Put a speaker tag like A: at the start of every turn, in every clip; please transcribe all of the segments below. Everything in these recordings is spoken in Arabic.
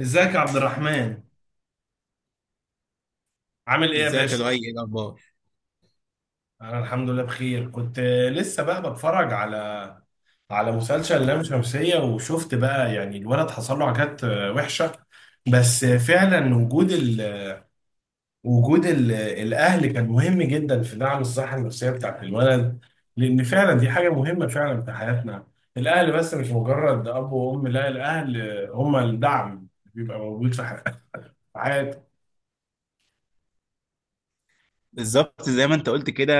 A: ازيك يا عبد الرحمن؟ عامل ايه يا
B: ازيك يا
A: باشا؟
B: لؤي، ايه الاخبار؟
A: انا الحمد لله بخير. كنت لسه بقى بتفرج على مسلسل لام شمسية، وشفت بقى يعني الولد حصل له عكات وحشة. بس فعلا وجود الاهل كان مهم جدا في دعم الصحة النفسية بتاعت الولد، لان فعلا دي حاجة مهمة فعلا في حياتنا. الاهل بس مش مجرد اب وام، لا، الاهل هم الدعم اللي بيبقى موجود في حياتنا.
B: بالظبط زي ما انت قلت كده،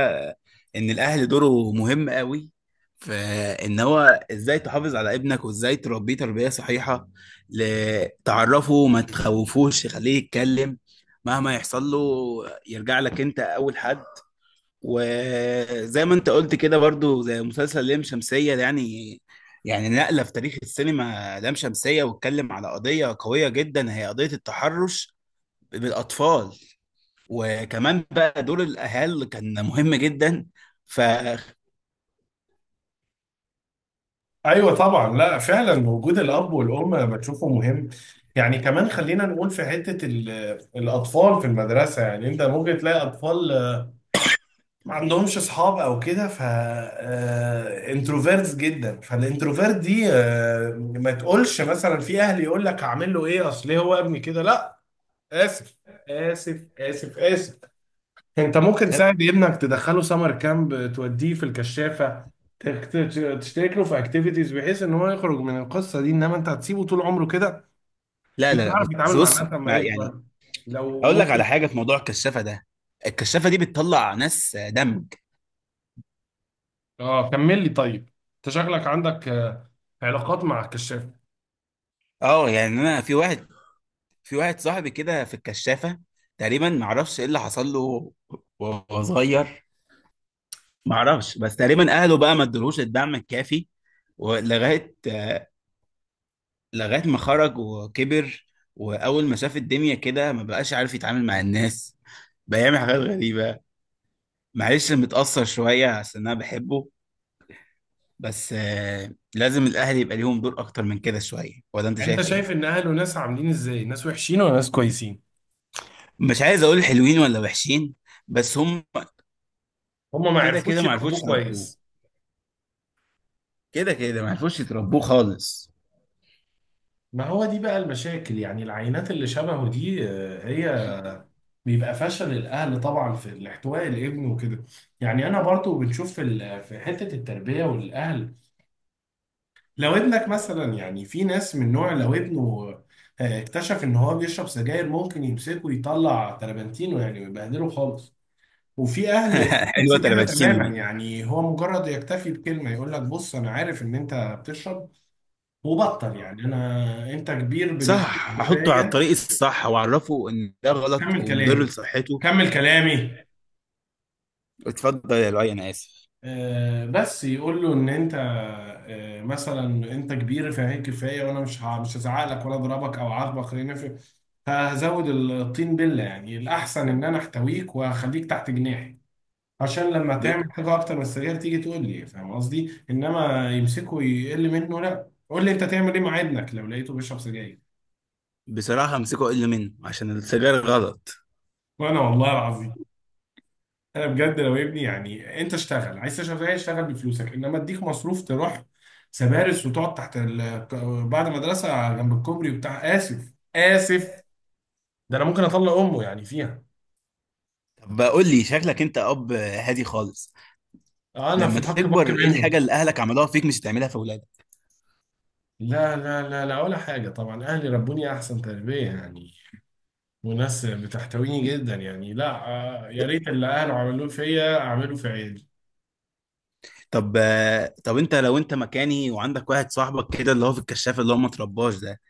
B: ان الاهل دوره مهم قوي، فان هو ازاي تحافظ على ابنك وازاي تربيه تربيه صحيحه. تعرفه، ما تخوفوش، خليه يتكلم مهما يحصل له، يرجع لك انت اول حد. وزي ما انت قلت كده برضو، زي مسلسل لام شمسية ده يعني نقلة في تاريخ السينما. لام شمسية واتكلم على قضية قوية جدا، هي قضية التحرش بالأطفال. وكمان بقى دور الاهل كان مهم جدا، ف
A: ايوه طبعا، لا فعلا وجود الاب والام بتشوفه مهم. يعني كمان خلينا نقول في حته الاطفال في المدرسه، يعني انت ممكن تلاقي اطفال ما عندهمش اصحاب او كده، ف انتروفيرتس جدا. فالانتروفيرت دي ما تقولش مثلا في اهل يقول لك هعمل له ايه، اصل إيه هو ابني كده؟ لا. اسف، اسف. انت ممكن
B: طب-
A: تساعد ابنك، تدخله سمر كامب، توديه في الكشافة، تخت- تشترك له في اكتيفيتيز، بحيث ان هو يخرج من القصة دي. انما انت هتسيبه طول عمره كده،
B: لا
A: مش
B: لا لا،
A: هيعرف
B: بس.
A: يتعامل مع
B: بص
A: الناس لما
B: يعني،
A: يكبر. لو
B: اقول لك
A: ممكن.
B: على حاجه. في موضوع الكشافه ده، الكشافه دي بتطلع ناس دمج.
A: اه كمل لي طيب، انت شكلك عندك علاقات مع الكشافة.
B: اه يعني انا في واحد صاحبي كده في الكشافه، تقريبا ما اعرفش ايه اللي حصل له وهو صغير. ما اعرفش، بس تقريبا اهله بقى ما ادولوش الدعم الكافي، ولغايه آه، لغايه ما خرج وكبر، واول ما شاف الدنيا كده ما بقاش عارف يتعامل مع الناس، بقى يعمل حاجات غريبه. معلش، متأثر شوية عشان أنا بحبه. بس لازم الأهلي يبقى ليهم دور أكتر من كده شوية، ولا أنت
A: يعني انت
B: شايف
A: شايف
B: إيه؟
A: ان اهله ناس عاملين ازاي، ناس وحشين ولا ناس كويسين؟
B: مش عايز أقول حلوين ولا وحشين، بس هم
A: هم ما
B: كده كده
A: عرفوش
B: ما
A: يربوه
B: عرفوش يتربوه،
A: كويس.
B: كده كده ما عرفوش يتربوه خالص.
A: ما هو دي بقى المشاكل، يعني العينات اللي شبهه دي هي بيبقى فشل الاهل طبعا في الاحتواء الابن وكده. يعني انا برضو بنشوف في في حته التربيه والاهل. لو ابنك مثلا، يعني في ناس من نوع لو ابنه اكتشف ان هو بيشرب سجاير، ممكن يمسكه يطلع تربنتينه يعني ويبهدله خالص. وفي اهل نفس
B: حلوة
A: كده
B: تلباتشينو
A: تماما،
B: دي.
A: يعني هو مجرد يكتفي بكلمه، يقول لك بص انا عارف ان انت بتشرب وبطل، يعني انا انت كبير بما فيه
B: صح، أحطه على
A: الكفايه.
B: الطريق الصح وأعرفه إن ده غلط
A: كمل
B: ومضر
A: كلامي
B: لصحته.
A: كمل كلامي
B: اتفضل يا لؤي، أنا آسف.
A: بس يقول له ان انت مثلا انت كبير فهي كفايه، وانا مش هزعق لك ولا اضربك او اعاقبك، خلينا في هزود الطين بله. يعني الاحسن ان انا احتويك وهخليك تحت جناحي، عشان لما
B: ب...
A: تعمل حاجه اكتر من السرير تيجي تقول لي. فاهم قصدي؟ انما يمسكه يقل منه، لا. قول لي انت تعمل ايه مع ابنك لو لقيته بيشرب سجاير.
B: بصراحة أمسكه أقل منه عشان السجاير غلط.
A: وانا والله العظيم، انا بجد لو ابني، يعني انت اشتغل، عايز تشتغل زي اشتغل بفلوسك، انما اديك مصروف تروح سبارس وتقعد تحت بعد مدرسه جنب الكوبري وبتاع، اسف. ده انا ممكن اطلق امه يعني فيها.
B: طب قول لي، شكلك أنت أب هادي خالص.
A: انا في
B: لما
A: الحق بك
B: تكبر، ايه
A: منه.
B: الحاجه اللي اهلك عملوها فيك مش هتعملها في اولادك؟
A: لا ولا حاجه طبعا، اهلي ربوني احسن تربيه يعني، وناس بتحتويني جدا يعني، لا. يا ريت اللي اهله عملوه فيا اعمله في عيالي.
B: طب انت لو انت مكاني، وعندك واحد صاحبك كده اللي هو في الكشاف، اللي هو ما ترباش ده،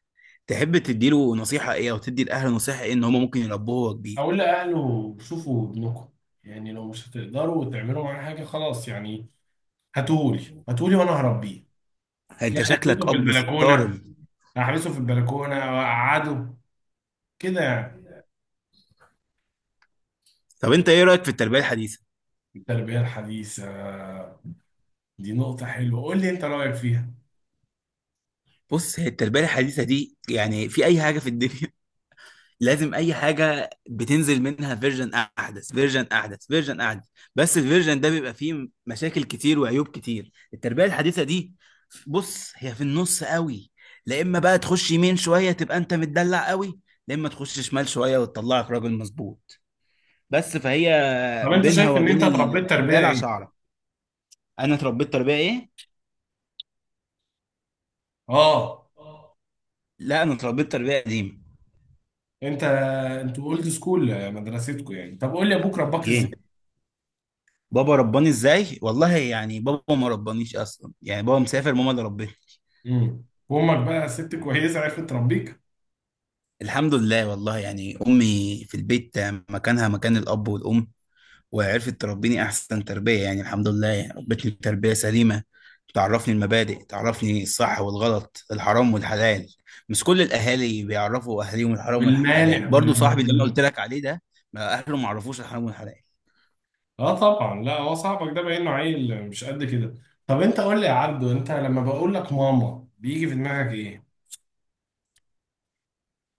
B: تحب تديله نصيحه ايه، او تدي الاهل نصيحه ايه ان هم ممكن يربوه وهو كبير؟
A: اقول لاهله شوفوا ابنكم، يعني لو مش هتقدروا تعملوا معاه حاجه خلاص يعني، هاتهولي وانا هربيه.
B: انت
A: يعني
B: شكلك
A: احبسه في
B: اب
A: البلكونه،
B: صارم.
A: احبسه في البلكونه واقعده كده يعني.
B: طب انت ايه رايك في التربيه الحديثه؟
A: التربيه الحديثه، دي نقطه حلوه، قول لي انت رايك فيها.
B: بص، هي التربيه الحديثه دي يعني، في اي حاجه في الدنيا لازم اي حاجه بتنزل منها فيرجن احدث، فيرجن احدث، فيرجن احدث. بس الفيرجن ده بيبقى فيه مشاكل كتير وعيوب كتير. التربيه الحديثه دي، بص، هي في النص قوي. لا اما بقى تخش يمين شويه، تبقى انت متدلع قوي. لا اما تخش شمال شويه، وتطلعك راجل مظبوط. بس فهي
A: طب انت
B: بينها
A: شايف ان انت
B: وبين
A: اتربيت تربيه
B: الدلع
A: ايه؟
B: شعره. انا اتربيت تربيه ايه؟
A: اه.
B: لا، انا اتربيت تربيه قديمه.
A: انت انتوا اولد سكول، مدرستكم يعني. طب قول لي ابوك رباك ازاي؟
B: ايه؟ بابا رباني ازاي؟ والله يعني بابا ما ربانيش اصلا يعني، بابا مسافر، ماما اللي ربتني.
A: وامك بقى ست كويسه، عرفت تربيك؟
B: الحمد لله، والله يعني أمي في البيت مكانها مكان الأب والأم، وعرفت تربيني أحسن تربية يعني. الحمد لله، يعني ربتني تربية سليمة، تعرفني المبادئ، تعرفني الصح والغلط، الحرام والحلال. مش كل الأهالي بيعرفوا أهاليهم الحرام والحلال.
A: والمانع
B: برضو صاحبي اللي أنا قلت لك عليه ده، ما أهله ما عرفوش الحرام والحلال.
A: اه طبعا، لا هو صاحبك ده باين له عيل مش قد كده. طب انت قول لي يا عبدو، انت لما بقول لك ماما بيجي في دماغك ايه؟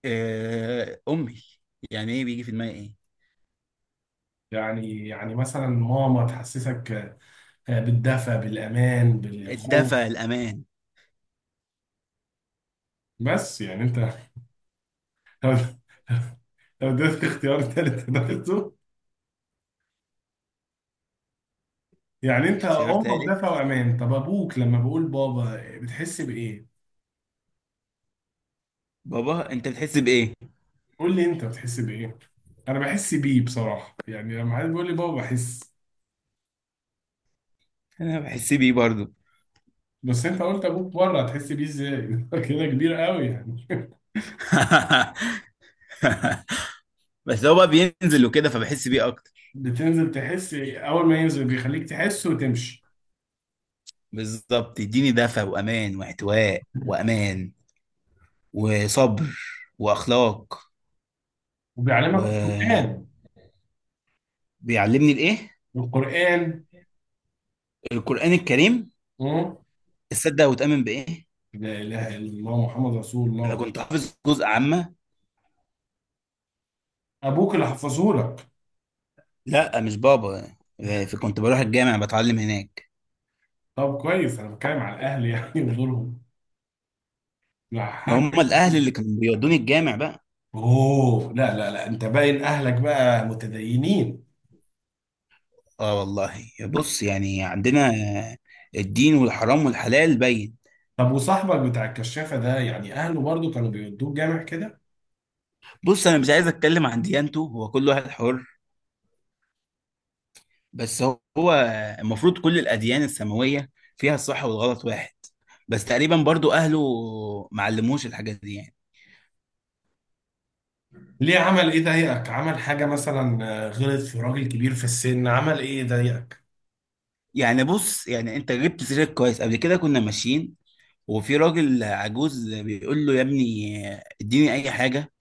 B: آه، أمي. يعني إيه بيجي في دماغي إيه؟
A: يعني مثلا ماما تحسسك بالدفى، بالأمان، بالخوف؟
B: الدفى، الأمان.
A: بس يعني أنت لو اديتك اختيار تالت هتاخده. يعني أنت
B: اختيار
A: أمك دفى
B: تالت.
A: وأمان، طب أبوك لما بقول بابا بتحس بإيه؟
B: بابا أنت بتحس بإيه؟
A: قول لي أنت بتحس بإيه؟ أنا بحس بيه بصراحة، يعني لما حد بيقول لي بابا بحس.
B: أنا بحس بيه برضو.
A: بس أنت قلت أبوك بره، هتحس بيه إزاي؟ كده كبير قوي يعني.
B: بس هو بقى بينزل وكده، فبحس بيه اكتر.
A: بتنزل تحس أول ما ينزل، بيخليك تحس وتمشي.
B: بالظبط، يديني دفع وامان واحتواء وامان وصبر واخلاق،
A: وبيعلمك
B: وبيعلمني
A: القرآن.
B: الايه
A: القرآن.
B: القران الكريم.
A: مم.
B: تصدق وتؤمن بايه؟
A: لا اله الا الله محمد رسول
B: انا
A: الله.
B: كنت حافظ جزء عامه.
A: ابوك اللي حفظه لك؟
B: لا مش بابا، كنت بروح الجامع بتعلم هناك.
A: طب كويس، انا بتكلم على الاهل يعني ودورهم. لا
B: ما
A: حاجه.
B: هم الاهل اللي كانوا بيودوني الجامع بقى.
A: اوه، لا، انت باين اهلك بقى متدينين.
B: اه والله، بص يعني عندنا الدين والحرام والحلال باين.
A: طب وصاحبك بتاع الكشافه ده، يعني اهله برضو كانوا بيودوه جامع كده؟
B: بص، انا مش عايز اتكلم عن ديانته، هو كل واحد حر. بس هو المفروض كل الأديان السماوية فيها الصح والغلط واحد. بس تقريبا برضو أهله ما علموش الحاجات دي يعني.
A: ليه؟ عمل ايه ضايقك؟ عمل حاجه مثلا غلط في راجل كبير في السن؟ عمل ايه ضايقك؟
B: يعني بص يعني أنت جبت سيرك كويس. قبل كده كنا ماشيين، وفي راجل عجوز بيقول له يا ابني اديني أي حاجة.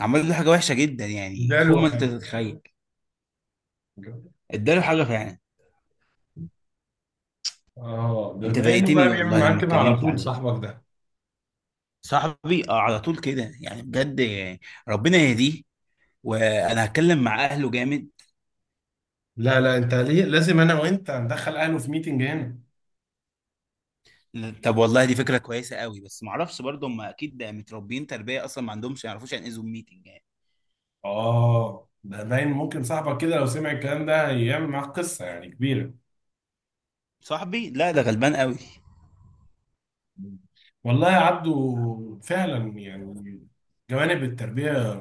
B: عمل له حاجة وحشة جدا، يعني فوق
A: اداله
B: ما أنت
A: حاجه؟
B: تتخيل. اداله حاجة فعلا.
A: اه، ده
B: أنت
A: باين انه بقى
B: ضايقتني
A: بيعمل
B: والله
A: معاك
B: لما
A: كده على
B: اتكلمت
A: طول
B: عليه.
A: صاحبك ده.
B: صاحبي على طول كده يعني، بجد. ربنا يهديه، وانا هتكلم مع اهله جامد.
A: لا، انت ليه؟ لازم انا وانت ندخل اهله في ميتنج هنا.
B: طب والله، دي فكرة كويسة قوي، بس معرفش برضه هم أكيد متربيين تربية أصلا، ما عندهمش، يعرفوش يعني إيه زوم ميتنج يعني.
A: اه ده باين ممكن صاحبك كده لو سمع الكلام ده هيعمل معاك قصه يعني كبيره.
B: صاحبي لا، ده غلبان قوي.
A: والله يا عبدو فعلا يعني جوانب التربيه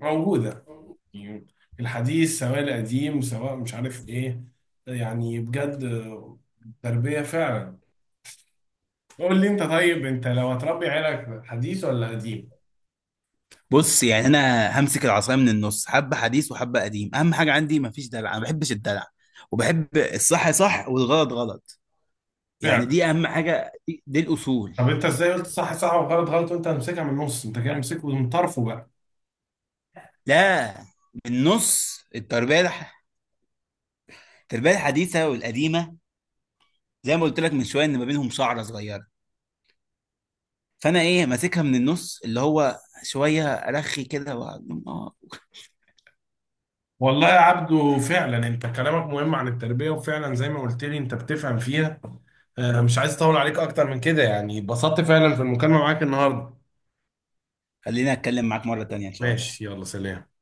A: موجوده يعني، الحديث سواء القديم سواء مش عارف ايه، يعني بجد التربيه فعلا. قول لي انت طيب، انت لو هتربي عيالك حديث ولا قديم؟
B: بص يعني، أنا همسك العصاية من النص، حبة حديث وحبة قديم. أهم حاجة عندي مفيش دلع، أنا ما بحبش الدلع، وبحب الصح صح والغلط غلط. يعني
A: فعلا.
B: دي أهم حاجة، دي، دي الأصول.
A: طب انت ازاي قلت صح صح وغلط غلط وانت همسكها من النص؟ انت كده مسكه من طرفه بقى.
B: لا، بالنص التربية التربية الحديثة والقديمة، زي ما قلت لك من شوية إن ما بينهم شعرة صغيرة، فأنا إيه ماسكها من النص، اللي هو شويه ارخي كده واقعد.
A: والله يا عبدو فعلا انت كلامك مهم عن التربية، وفعلا زي ما قلت لي انت بتفهم فيها. مش عايز اطول عليك اكتر من كده يعني. اتبسطت فعلا في المكالمة معاك النهاردة.
B: خليني اتكلم معاك مرة تانية ان شاء الله.
A: ماشي، يلا سلام.